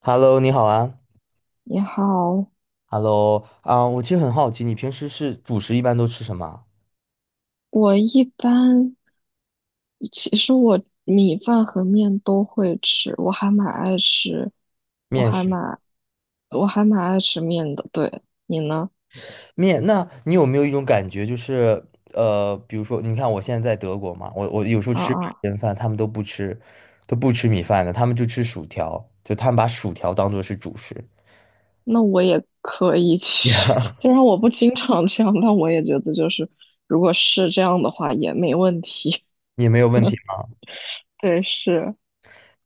Hello，你好啊。你好，Hello，我其实很好奇，你平时是主食一般都吃什么啊我一般其实我米饭和面都会吃，我还蛮爱吃，我面还食。蛮我还蛮爱吃面的。对，你呢？面，那你有没有一种感觉，就是比如说，你看我现在在德国嘛，我有时候啊吃白啊，人饭，他们都不吃，都不吃米饭的，他们就吃薯条，就他们把薯条当做是主食，那我也可以。其实 虽然我不经常这样，但我也觉得就是如果是这样的话也没问题。也没有问题。对，是，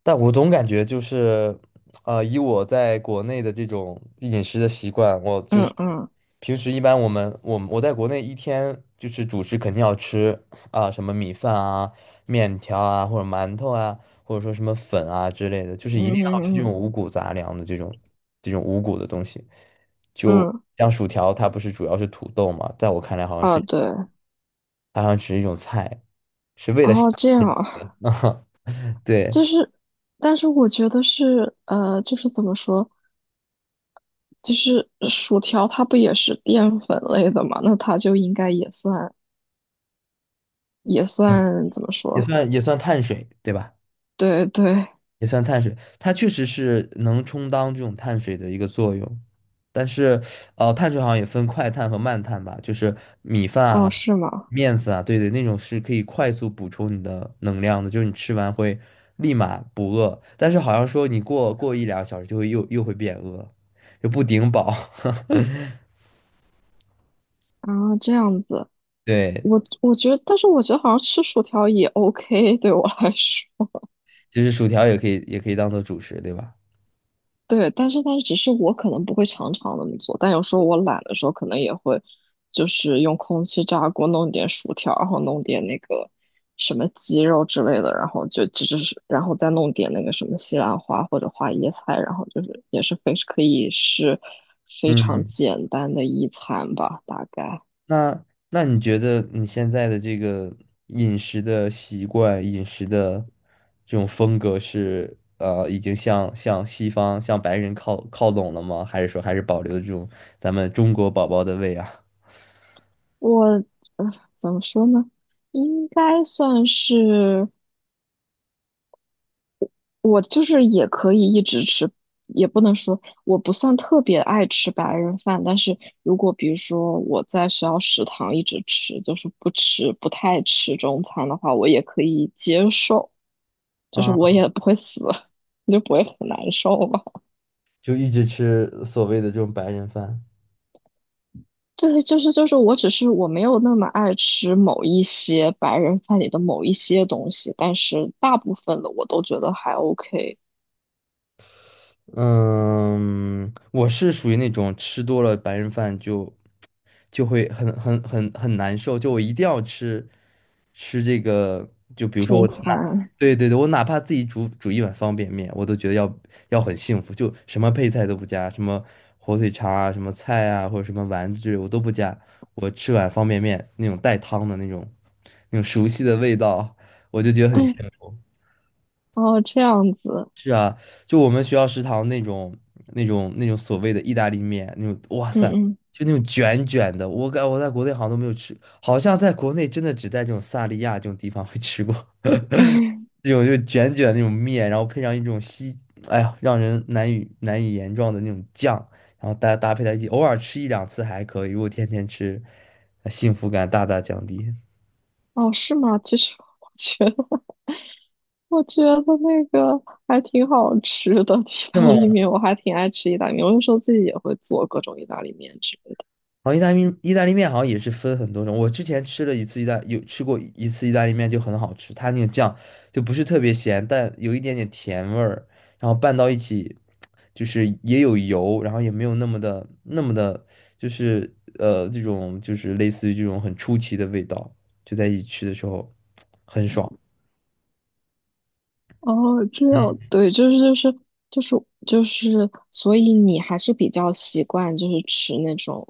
但我总感觉就是，以我在国内的这种饮食的习惯，我就是嗯嗯平时一般我们我我在国内一天就是主食肯定要吃啊、什么米饭啊、面条啊，或者馒头啊，或者说什么粉啊之类的，就是一定嗯要吃嗯这种嗯五谷杂粮的这种五谷的东西。就嗯，像薯条，它不是主要是土豆嘛，在我看来好像啊是对，它好像只是一种菜，哦这样，对，就是，但是我觉得是，就是怎么说，就是薯条它不也是淀粉类的嘛？那它就应该也算，也算怎么也说？算也算碳水，对吧？对对，也算碳水，它确实是能充当这种碳水的一个作用，但是，呃，碳水好像也分快碳和慢碳吧，就是米饭哦，啊、是吗？面粉啊，对对，那种是可以快速补充你的能量的，就是你吃完会立马不饿，但是好像说你过一两个小时就会又会变饿，就不顶饱。啊，这样子，对，我觉得，但是我觉得好像吃薯条也 OK,对我来说。其实薯条也可以当做主食，对吧？对，但是只是我可能不会常常那么做，但有时候我懒的时候，可能也会就是用空气炸锅弄点薯条，然后弄点那个什么鸡肉之类的，然后就只是然后再弄点那个什么西兰花或者花椰菜，然后就是也是非可以是非常嗯。简单的一餐吧，大概那那你觉得你现在的这个饮食的习惯、饮食的这种风格是呃，已经向西方、向白人靠拢了吗？还是说还是保留这种咱们中国宝宝的胃啊？我呃怎么说呢，应该算是。我就是也可以一直吃，也不能说我不算特别爱吃白人饭，但是如果比如说我在学校食堂一直吃，就是不太吃中餐的话，我也可以接受，就是啊，我也不会死，就不会很难受吧。就一直吃所谓的这种白人饭？对，就是，我只是我没有那么爱吃某一些白人饭里的某一些东西，但是大部分的我都觉得还 OK。嗯，我是属于那种吃多了白人饭就就会很难受，就我一定要吃吃这个，就比如说中我哪，餐，对对对，我哪怕自己煮一碗方便面，我都觉得要要很幸福，就什么配菜都不加，什么火腿肠啊，什么菜啊，或者什么丸子之类我都不加，我吃碗方便面那种带汤的那种熟悉的味道，我就觉得很 幸福。哦，这样子，就我们学校食堂那种所谓的意大利面，那种哇塞，嗯就那种卷卷的，我在国内好像都没有吃，好像在国内真的只在这种萨利亚这种地方会吃过 嗯。这种就卷卷的那种面，然后配上一种西，哎呀，让人难以言状的那种酱，然后搭配在一起，偶尔吃一两次还可以，如果天天吃，呃幸福感大大降低。哦，是吗？其实我觉得，那个还挺好吃的意那大么。利面，我还挺爱吃意大利面。我有时候自己也会做各种意大利面之类的。然后意大利面好像也是分很多种，我之前吃了一次意大有吃过一次意大利面就很好吃，它那个酱就不是特别咸，但有一点点甜味儿，然后拌到一起，就是也有油，然后也没有那么的，就是呃这种就是类似于这种很出奇的味道，就在一起吃的时候很爽。哦，这样，嗯对，就是就是，所以你还是比较习惯就是吃那种，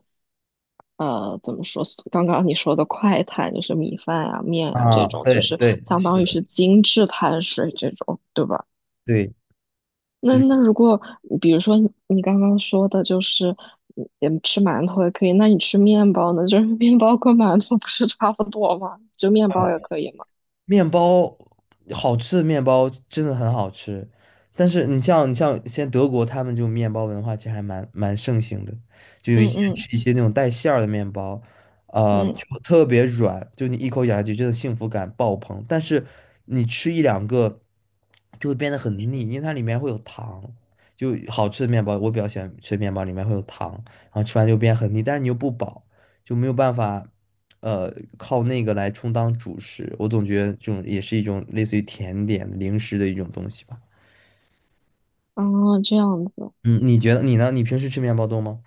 呃，怎么说？刚刚你说的快餐，就是米饭啊、面啊啊，这种，就对是对相是当于的，是精致碳水这种，对吧？对，就那是。那如果比如说你刚刚说的就是吃馒头也可以，那你吃面包呢？就是面包跟馒头不是差不多吗？就面包也可以吗？面包好吃的面包真的很好吃，但是你像现在德国他们就面包文化其实还蛮盛行的，就有一嗯些嗯吃一些那种带馅儿的面包，呃，嗯，就特别软，就你一口咬下去真的幸福感爆棚，但是你吃一两个就会变得很腻，因为它里面会有糖。就好吃的面包，我比较喜欢吃面包，里面会有糖，然后吃完就变很腻，但是你又不饱，就没有办法。呃，靠那个来充当主食，我总觉得这种也是一种类似于甜点零食的一种东西吧。哦，这样子。嗯，你觉得你呢？你平时吃面包多吗？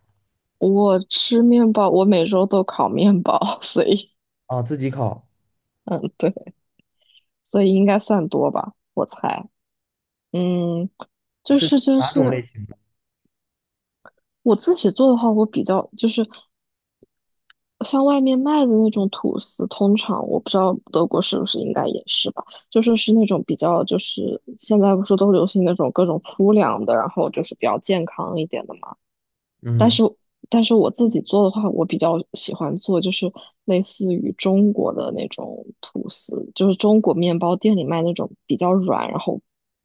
我吃面包，我每周都烤面包，所以啊，自己烤嗯，对，所以应该算多吧，我猜。嗯，就是是就哪种是类型的？我自己做的话，我比较就是。像外面卖的那种吐司，通常我不知道德国是不是应该也是吧，就是是那种比较就是现在不是都流行那种各种粗粮的，然后就是比较健康一点的嘛。但嗯是但是我自己做的话，我比较喜欢做就是类似于中国的那种吐司，就是中国面包店里卖那种比较软，然后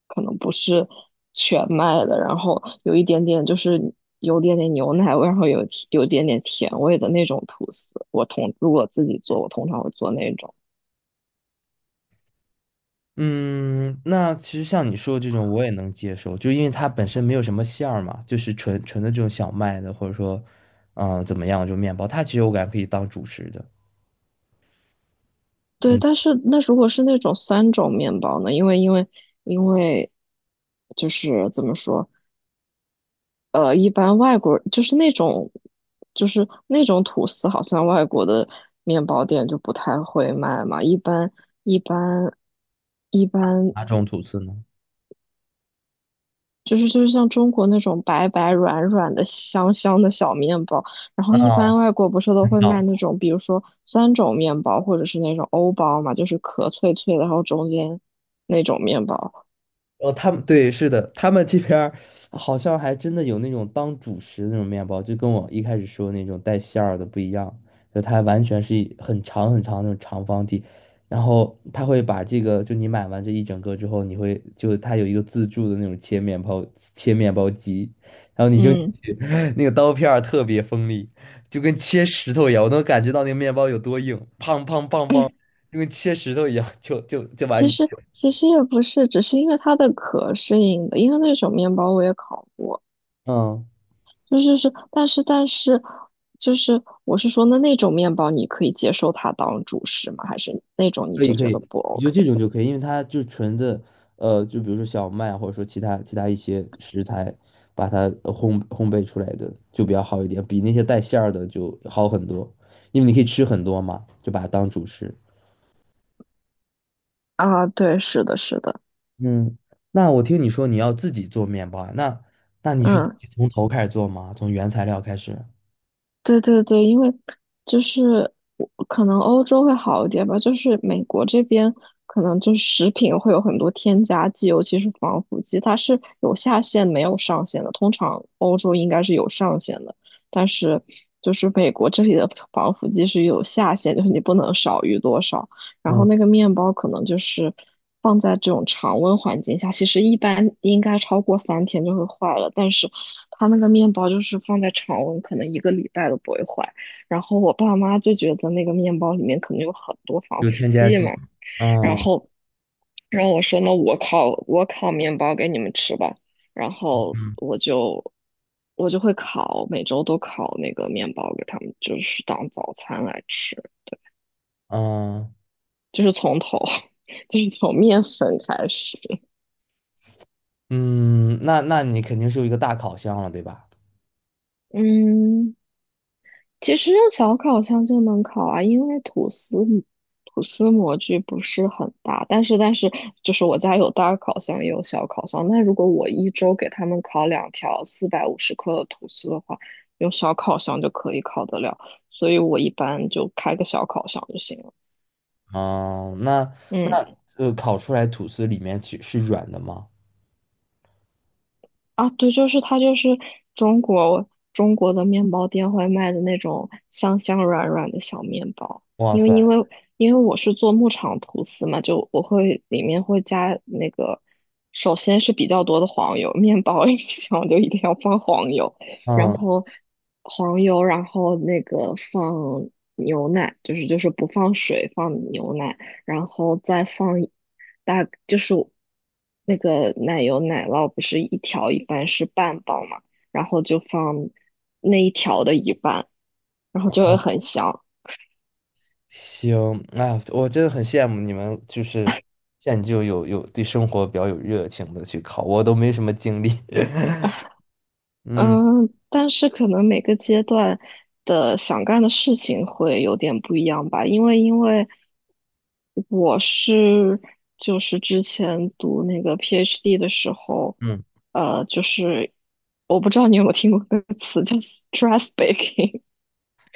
可能不是全麦的，然后有一点点就是有点点牛奶味，然后有点点甜味的那种吐司。我通如果自己做，我通常会做那种。嗯，那其实像你说的这种，我也能接受，就因为它本身没有什么馅儿嘛，就是纯纯的这种小麦的，或者说，嗯、怎么样，就面包，它其实我感觉可以当主食的。对，嗯，但是那如果是那种酸种面包呢？因为因为就是怎么说，呃，一般外国就是那种，就是那种吐司，好像外国的面包店就不太会卖嘛。一般一般哪种吐司呢？就是像中国那种白白软软的香香的小面包，然后一般啊，外国不是都很会卖那好种，比如说酸种面包或者是那种欧包嘛，就是壳脆脆的，然后中间那种面包。哦，他们对，是的，他们这边儿好像还真的有那种当主食的那种面包，就跟我一开始说的那种带馅儿的不一样，就它完全是一很长很长那种长方体，然后他会把这个，就你买完这一整个之后，你会就它有一个自助的那种切面包机，嗯，那个刀片儿特别锋利，就跟切石头一样，我能感觉到那个面包有多硬，砰砰砰砰，就跟切石头一样，就把其你，实其实也不是，只是因为它的壳是硬的，因为那种面包我也烤过。嗯。就是，但是，就是我是说，那那种面包你可以接受它当主食吗？还是那种你可以就可觉得以，不 你就 OK 这种就可以，因为它就纯的，呃，就比如说小麦或者说其他一些食材，把它呃烘焙出来的就比较好一点，比那些带馅儿的就好很多，因为你可以吃很多嘛，就把它当主食。啊？对，是的，是的，嗯，那我听你说你要自己做面包啊，那那你是嗯。从头开始做吗？从原材料开始？对对对，因为就是我可能欧洲会好一点吧，就是美国这边可能就是食品会有很多添加剂，尤其是防腐剂，它是有下限没有上限的。通常欧洲应该是有上限的，但是就是美国这里的防腐剂是有下限，就是你不能少于多少。然后嗯，那个面包可能就是放在这种常温环境下，其实一般应该超过3天就会坏了，但是它那个面包就是放在常温，可能一个礼拜都不会坏。然后我爸妈就觉得那个面包里面可能有很多防有腐添加剂剂。嘛，然嗯后，然后我说那我烤面包给你们吃吧。然后我就会烤，每周都烤那个面包给他们，就是当早餐来吃，嗯就是从头，就是从面粉开始。嗯，那那你肯定是有一个大烤箱了，对吧？嗯。其实用小烤箱就能烤啊，因为吐司模具不是很大，但是就是我家有大烤箱也有小烤箱，那如果我一周给他们烤两条450克的吐司的话，用小烤箱就可以烤得了，所以我一般就开个小烤箱就行了。哦，那嗯。那呃，烤出来吐司里面其是软的吗？啊，对，就是它，就是中国的面包店会卖的那种香香软软的小面包。哇因为塞，因为因为我是做牧场吐司嘛，就我会里面会加那个，首先是比较多的黄油，面包一想就一定要放黄油，然嗯，后黄油，然后那个放牛奶，就是不放水，放牛奶。然后再放一大就是那个奶油奶酪不是一条一般是半包嘛，然后就放那一条的一半，然后就会很香。行，那我真的很羡慕你们，就是现在就有有对生活比较有热情的去烤，我都没什么精力。嗯嗯，但是可能每个阶段的想干的事情会有点不一样吧，因为我是就是之前读那个 PhD 的时候，嗯，呃，就是我不知道你有没有听过那个词叫 stress baking,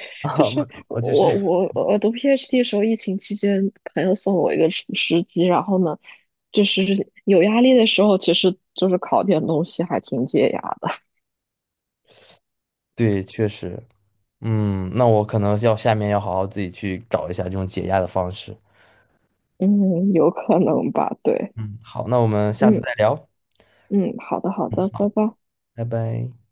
啊，就是我我就是我读 PhD 的时候，疫情期间，朋友送我一个厨师机，然后呢，就是有压力的时候，其实就是烤点东西还挺解压的。对，确实，嗯，那我可能要下面要好好自己去找一下这种解压的方式。嗯，有可能吧，对，嗯，好，那我们下次嗯再聊，嗯，好的好的，拜拜。拜拜。